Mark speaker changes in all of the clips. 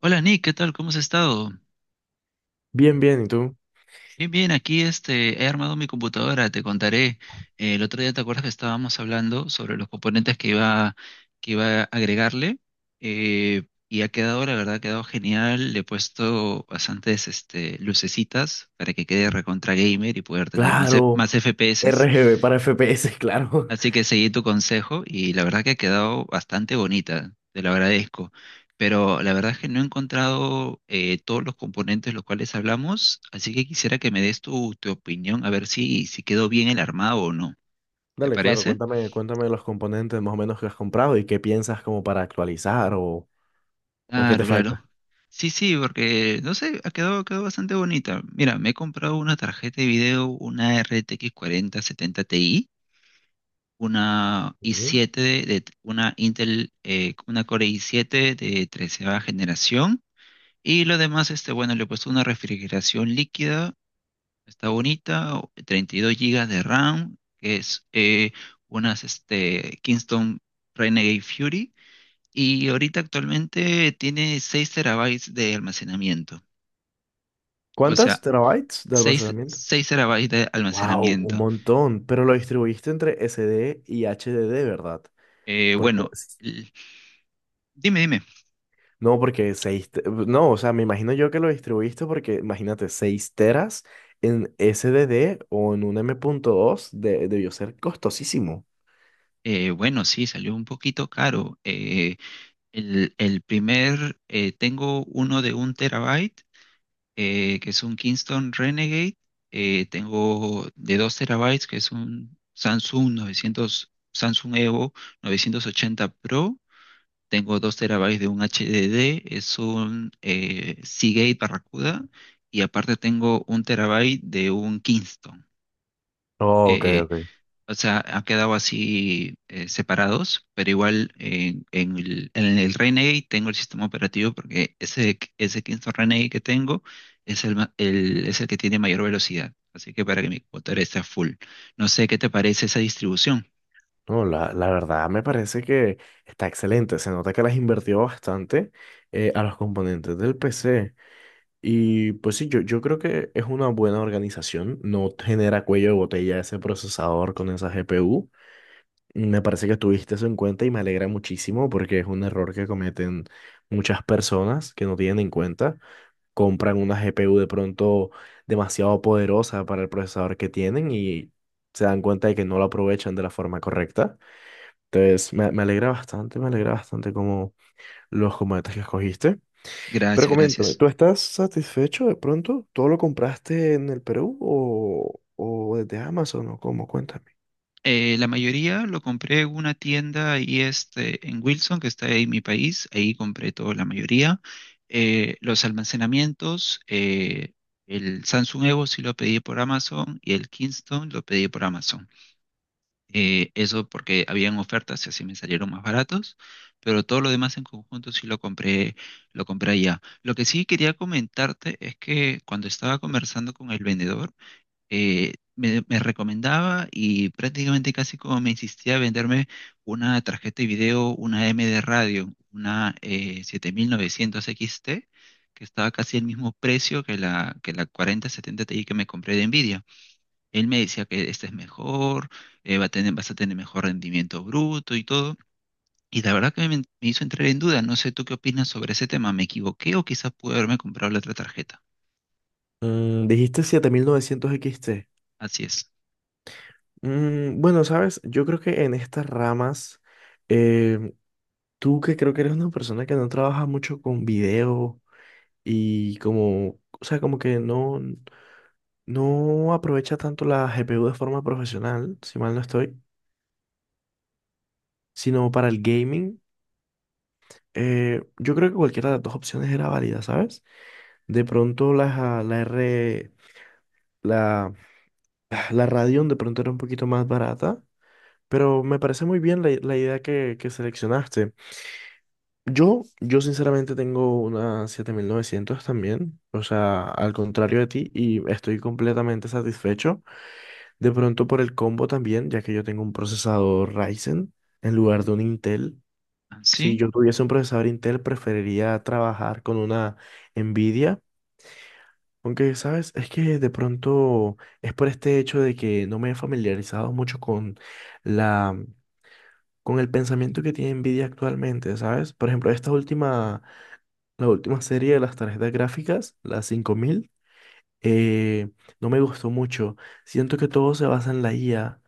Speaker 1: Hola Nick, ¿qué tal? ¿Cómo has estado?
Speaker 2: Bien, bien, ¿y tú?
Speaker 1: Bien, bien, aquí este, he armado mi computadora, te contaré. El otro día, ¿te acuerdas que estábamos hablando sobre los componentes que iba a agregarle? Y ha quedado, la verdad, ha quedado genial. Le he puesto bastantes este, lucecitas para que quede recontra gamer y poder tener más, más
Speaker 2: Claro,
Speaker 1: FPS.
Speaker 2: RGB para FPS, claro.
Speaker 1: Así que seguí tu consejo y la verdad que ha quedado bastante bonita, te lo agradezco. Pero la verdad es que no he encontrado todos los componentes los cuales hablamos, así que quisiera que me des tu opinión, a ver si quedó bien el armado o no. ¿Te
Speaker 2: Dale, claro,
Speaker 1: parece?
Speaker 2: cuéntame los componentes más o menos que has comprado y qué piensas como para actualizar o qué te
Speaker 1: Claro,
Speaker 2: falta.
Speaker 1: claro. Sí, sí, porque no sé, ha quedado bastante bonita. Mira, me he comprado una tarjeta de video, una RTX 4070 Ti. Una
Speaker 2: Ujú.
Speaker 1: i7 de una Intel, una Core i7 de 13 generación. Y lo demás, este, bueno, le he puesto una refrigeración líquida, está bonita, 32 gigas de RAM, que es unas este, Kingston Renegade Fury. Y ahorita actualmente tiene 6 terabytes de almacenamiento. O
Speaker 2: ¿Cuántas
Speaker 1: sea,
Speaker 2: terabytes de
Speaker 1: seis
Speaker 2: almacenamiento?
Speaker 1: seis terabytes de
Speaker 2: Wow, un
Speaker 1: almacenamiento.
Speaker 2: montón, pero lo distribuiste entre SD y HDD, ¿verdad?
Speaker 1: Eh,
Speaker 2: Porque,
Speaker 1: bueno,
Speaker 2: s-
Speaker 1: l- Dime, dime.
Speaker 2: no, no, o sea, me imagino yo que lo distribuiste porque imagínate 6 teras en SDD o en un M.2 de, debió ser costosísimo.
Speaker 1: Bueno, sí, salió un poquito caro. Tengo uno de 1 terabyte, que es un Kingston Renegade. Tengo de 2 terabytes, que es un Samsung 900, Samsung Evo 980 Pro. Tengo 2 terabytes de un HDD, es un Seagate Barracuda. Y aparte tengo 1 terabyte de un Kingston.
Speaker 2: Oh, ok,
Speaker 1: Eh,
Speaker 2: ok.
Speaker 1: Ha quedado así separados, pero igual en el Renegade tengo el sistema operativo porque ese Kingston Renegade que tengo es el que tiene mayor velocidad. Así que para que mi computadora esté a full. No sé qué te parece esa distribución.
Speaker 2: No, la verdad me parece que está excelente. Se nota que las invertido bastante a los componentes del PC. Y pues sí, yo creo que es una buena organización. No genera cuello de botella ese procesador con esa GPU. Me parece que tuviste eso en cuenta y me alegra muchísimo porque es un error que cometen muchas personas que no tienen en cuenta. Compran una GPU de pronto demasiado poderosa para el procesador que tienen y se dan cuenta de que no la aprovechan de la forma correcta. Entonces, me alegra bastante, me alegra bastante como los combates que escogiste. Pero
Speaker 1: Gracias,
Speaker 2: coméntame,
Speaker 1: gracias.
Speaker 2: ¿tú estás satisfecho de pronto? ¿Todo lo compraste en el Perú o desde Amazon o cómo? Cuéntame.
Speaker 1: La mayoría lo compré en una tienda ahí este, en Wilson, que está ahí en mi país. Ahí compré toda la mayoría. Los almacenamientos, el Samsung Evo sí lo pedí por Amazon y el Kingston lo pedí por Amazon. Eso porque habían ofertas y así me salieron más baratos, pero todo lo demás en conjunto sí lo compré allá. Lo que sí quería comentarte es que cuando estaba conversando con el vendedor, me recomendaba y prácticamente casi como me insistía a venderme una tarjeta de video, una M de radio, una 7900 XT, que estaba casi el mismo precio que la 4070 Ti que me compré de Nvidia. Él me decía que esta es mejor, vas a tener mejor rendimiento bruto y todo. Y la verdad que me hizo entrar en duda. No sé tú qué opinas sobre ese tema. ¿Me equivoqué o quizás pude haberme comprado la otra tarjeta?
Speaker 2: Mm, dijiste 7900 XT.
Speaker 1: Así es.
Speaker 2: Mm, bueno, sabes, yo creo que en estas ramas, eh, tú que creo que eres una persona que no trabaja mucho con video y como, o sea, como que no aprovecha tanto la GPU de forma profesional, si mal no estoy. Sino para el gaming, yo creo que cualquiera de las dos opciones era válida, ¿sabes? De pronto la, la R, la, ah, la Radeon de pronto era un poquito más barata, pero me parece muy bien la idea que seleccionaste. Yo sinceramente tengo una 7900 también, o sea, al contrario de ti, y estoy completamente satisfecho. De pronto por el combo también, ya que yo tengo un procesador Ryzen en lugar de un Intel. Si
Speaker 1: ¿Así?
Speaker 2: yo tuviese un procesador Intel, preferiría trabajar con una Nvidia, aunque, ¿sabes? Es que de pronto es por este hecho de que no me he familiarizado mucho con la, con el pensamiento que tiene Nvidia actualmente, ¿sabes? Por ejemplo, esta última, la última serie de las tarjetas gráficas, las 5000 eh, no me gustó mucho. Siento que todo se basa en la IA.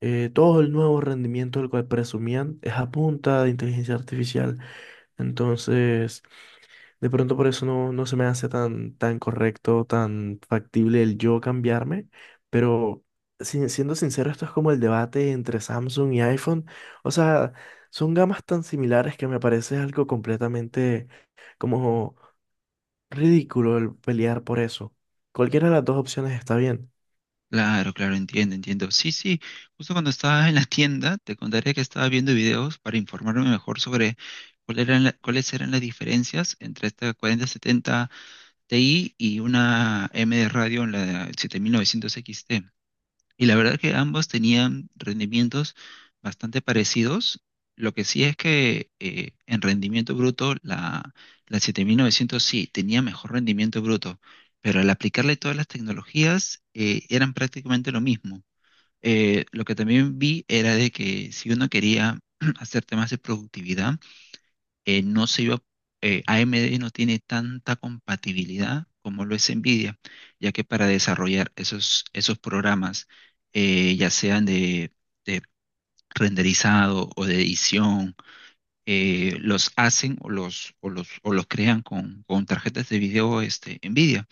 Speaker 2: Todo el nuevo rendimiento del cual presumían es a punta de inteligencia artificial. Entonces... De pronto por eso no se me hace tan correcto, tan factible el yo cambiarme, pero siendo sincero, esto es como el debate entre Samsung y iPhone. O sea, son gamas tan similares que me parece algo completamente como ridículo el pelear por eso. Cualquiera de las dos opciones está bien.
Speaker 1: Claro, claro, entiendo, entiendo. Sí, sí, justo cuando estaba en la tienda, te contaré que estaba viendo videos para informarme mejor sobre cuáles eran las diferencias entre esta 4070 Ti y una M de radio en la 7900 XT. Y la verdad que ambos tenían rendimientos bastante parecidos. Lo que sí es que en rendimiento bruto, la 7900 sí tenía mejor rendimiento bruto, pero al aplicarle todas las tecnologías eran prácticamente lo mismo. Lo que también vi era de que si uno quería hacer temas de productividad, no se iba, AMD no tiene tanta compatibilidad como lo es Nvidia, ya que para desarrollar esos programas, ya sean de renderizado o de edición los hacen o los crean con tarjetas de video este, NVIDIA.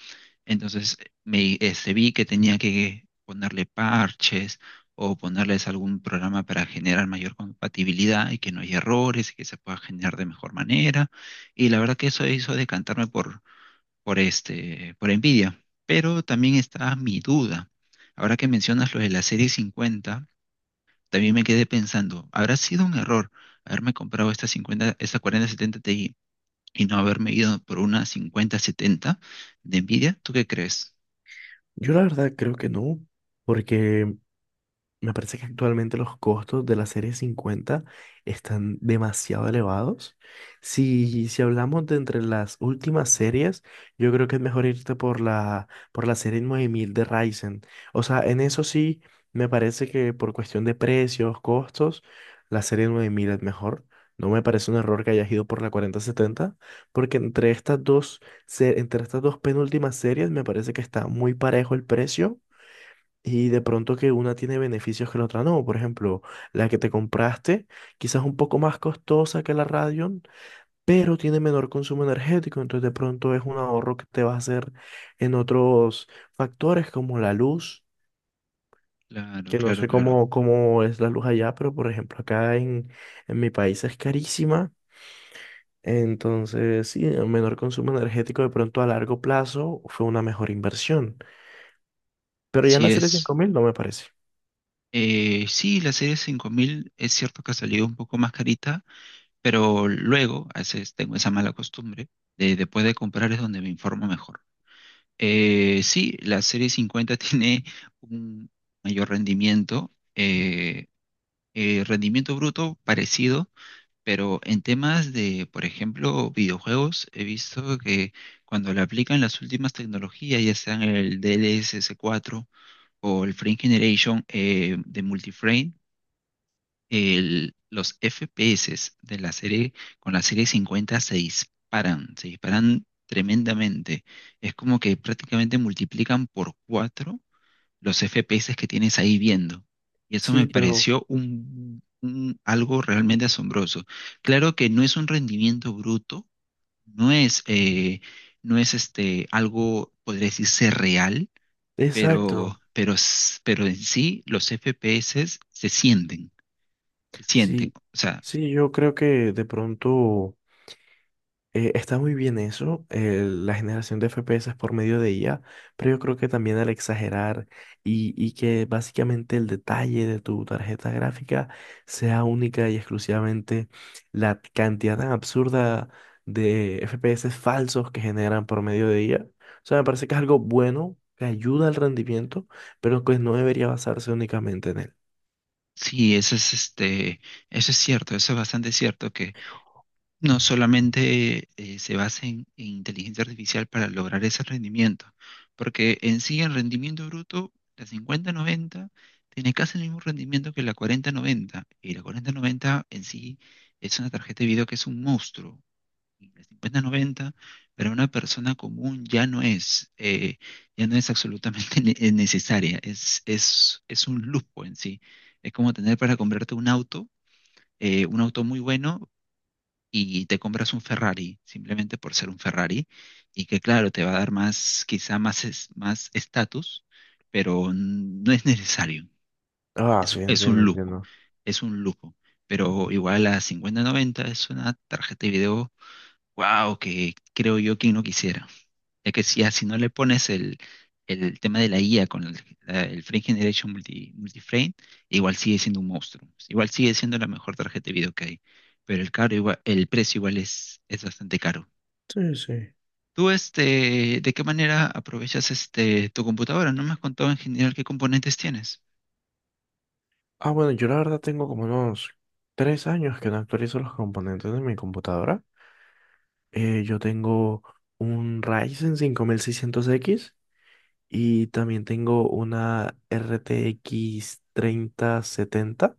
Speaker 1: Entonces me este, vi que tenía que ponerle parches o ponerles algún programa para generar mayor compatibilidad y que no haya errores y que se pueda generar de mejor manera. Y la verdad que eso hizo decantarme este, por NVIDIA. Pero también está mi duda. Ahora que mencionas lo de la serie 50, también me quedé pensando, ¿habrá sido un error haberme comprado esta 50, esta 4070 Ti y no haberme ido por una 5070 de Nvidia? ¿Tú qué crees?
Speaker 2: Yo la verdad creo que no, porque me parece que actualmente los costos de la serie 50 están demasiado elevados. Si hablamos de entre las últimas series, yo creo que es mejor irte por la serie 9000 de Ryzen. O sea, en eso sí, me parece que por cuestión de precios, costos, la serie 9000 es mejor. No me parece un error que hayas ido por la 4070 porque entre estas dos, entre estas dos penúltimas series me parece que está muy parejo el precio y de pronto que una tiene beneficios que la otra no. Por ejemplo, la que te compraste quizás un poco más costosa que la Radeon, pero tiene menor consumo energético. Entonces de pronto es un ahorro que te va a hacer en otros factores como la luz,
Speaker 1: Claro,
Speaker 2: que no
Speaker 1: claro,
Speaker 2: sé
Speaker 1: claro.
Speaker 2: cómo es la luz allá, pero por ejemplo acá en mi país es carísima. Entonces, sí, el menor consumo energético de pronto a largo plazo fue una mejor inversión. Pero ya en
Speaker 1: Así
Speaker 2: la serie cinco
Speaker 1: es.
Speaker 2: mil no me parece.
Speaker 1: Sí, la serie 5000 es cierto que ha salido un poco más carita, pero luego, a veces tengo esa mala costumbre, de después de comprar es donde me informo mejor. Sí, la serie 50 tiene un mayor rendimiento, rendimiento bruto parecido. Pero en temas de, por ejemplo, videojuegos, he visto que cuando le aplican las últimas tecnologías, ya sean el dlss cuatro o el Frame Generation de Multiframe, los FPS de la serie con la serie 50 se disparan tremendamente. Es como que prácticamente multiplican por 4 los FPS que tienes ahí viendo. Y eso me
Speaker 2: Sí, pero...
Speaker 1: pareció un, algo realmente asombroso. Claro que no es un rendimiento bruto, no es, eh, no es este, algo, podría decirse, real, pero,
Speaker 2: Exacto.
Speaker 1: pero en sí los FPS se sienten, se sienten.
Speaker 2: Sí,
Speaker 1: O sea,
Speaker 2: sí, yo creo que de pronto está muy bien eso, la generación de FPS por medio de IA, pero yo creo que también al exagerar y que básicamente el detalle de tu tarjeta gráfica sea única y exclusivamente la cantidad tan absurda de FPS falsos que generan por medio de IA. O sea, me parece que es algo bueno, que ayuda al rendimiento, pero que no debería basarse únicamente en él.
Speaker 1: sí, eso es, este, eso es cierto, eso es bastante cierto. No solamente se basa en inteligencia artificial para lograr ese rendimiento, porque en sí el rendimiento bruto, la 5090 tiene casi el mismo rendimiento que la 4090 y la 4090 en sí es una tarjeta de video que es un monstruo. Y la 50-90 para una persona común ya no es, ya no es absolutamente necesaria, es un lujo en sí. Es como tener para comprarte un auto muy bueno, y te compras un Ferrari simplemente por ser un Ferrari y que claro, te va a dar más, quizá más más estatus, pero no es necesario.
Speaker 2: Ah, sí,
Speaker 1: Es
Speaker 2: entiendo,
Speaker 1: un lujo,
Speaker 2: entiendo.
Speaker 1: es un lujo. Pero igual la 5090 es una tarjeta de video. Wow, que creo yo que no quisiera. Es que si, si no le pones el tema de la IA con el Frame Generation Multiframe, igual sigue siendo un monstruo. Igual sigue siendo la mejor tarjeta de video que hay. Pero el caro igual, el precio igual es bastante caro.
Speaker 2: Sí, sí.
Speaker 1: ¿Tú este, de qué manera aprovechas este tu computadora? No me has contado en general qué componentes tienes.
Speaker 2: Ah, bueno, yo la verdad tengo como unos 3 años que no actualizo los componentes de mi computadora. Yo tengo un Ryzen 5600 x y también tengo una RTX 70.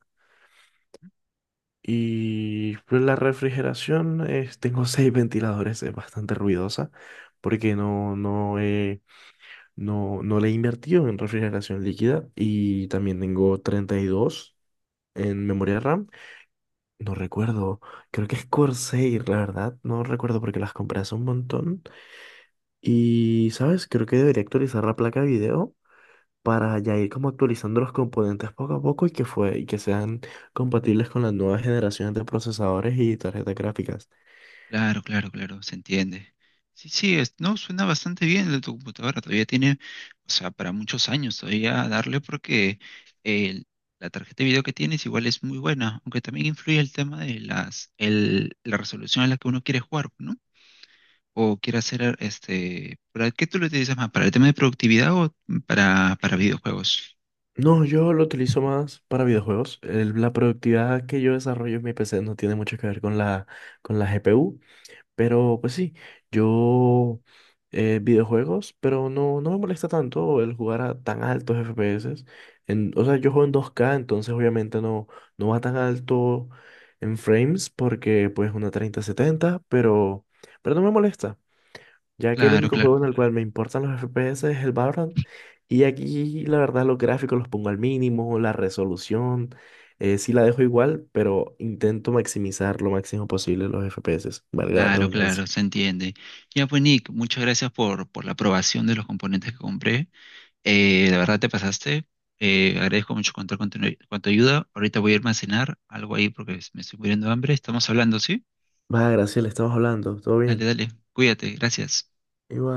Speaker 2: Y pues la refrigeración, tengo seis ventiladores, es bastante ruidosa porque no le he invertido en refrigeración líquida y también tengo 32 en memoria RAM. No recuerdo, creo que es Corsair, la verdad, no recuerdo porque las compré hace un montón. Y, ¿sabes? Creo que debería actualizar la placa de video para ya ir como actualizando los componentes poco a poco y que sean compatibles con las nuevas generaciones de procesadores y tarjetas gráficas.
Speaker 1: Claro, claro, claro, se entiende. Sí, sí, no, suena bastante bien tu computadora, todavía tiene, o sea, para muchos años todavía a darle porque el- la tarjeta de video que tienes igual es muy buena, aunque también influye el tema de la resolución a la que uno quiere jugar, ¿no? O quiere hacer, este, ¿para qué tú lo utilizas más? ¿Para el tema de productividad o para videojuegos?
Speaker 2: No, yo lo utilizo más para videojuegos. La productividad que yo desarrollo en mi PC no tiene mucho que ver con la GPU. Pero pues sí, yo videojuegos, pero no me molesta tanto el jugar a tan altos FPS. O sea, yo juego en 2K entonces obviamente no va tan alto en frames porque pues una 3070 pero, no me molesta, ya que el
Speaker 1: Claro,
Speaker 2: único juego
Speaker 1: claro,
Speaker 2: en el cual me importan los FPS es el Valorant. Y aquí la verdad los gráficos los pongo al mínimo, la resolución, sí la dejo igual, pero intento maximizar lo máximo posible los FPS, valga la
Speaker 1: claro,
Speaker 2: redundancia.
Speaker 1: claro, se entiende. Ya pues, Nick, muchas gracias por la aprobación de los componentes que compré. La verdad te pasaste. Agradezco mucho contar con tu ayuda. Ahorita voy a irme a cenar algo ahí porque me estoy muriendo de hambre. Estamos hablando, ¿sí?
Speaker 2: Va, Graciela, estamos hablando. ¿Todo
Speaker 1: Dale,
Speaker 2: bien?
Speaker 1: dale. Cuídate. Gracias.
Speaker 2: Igual.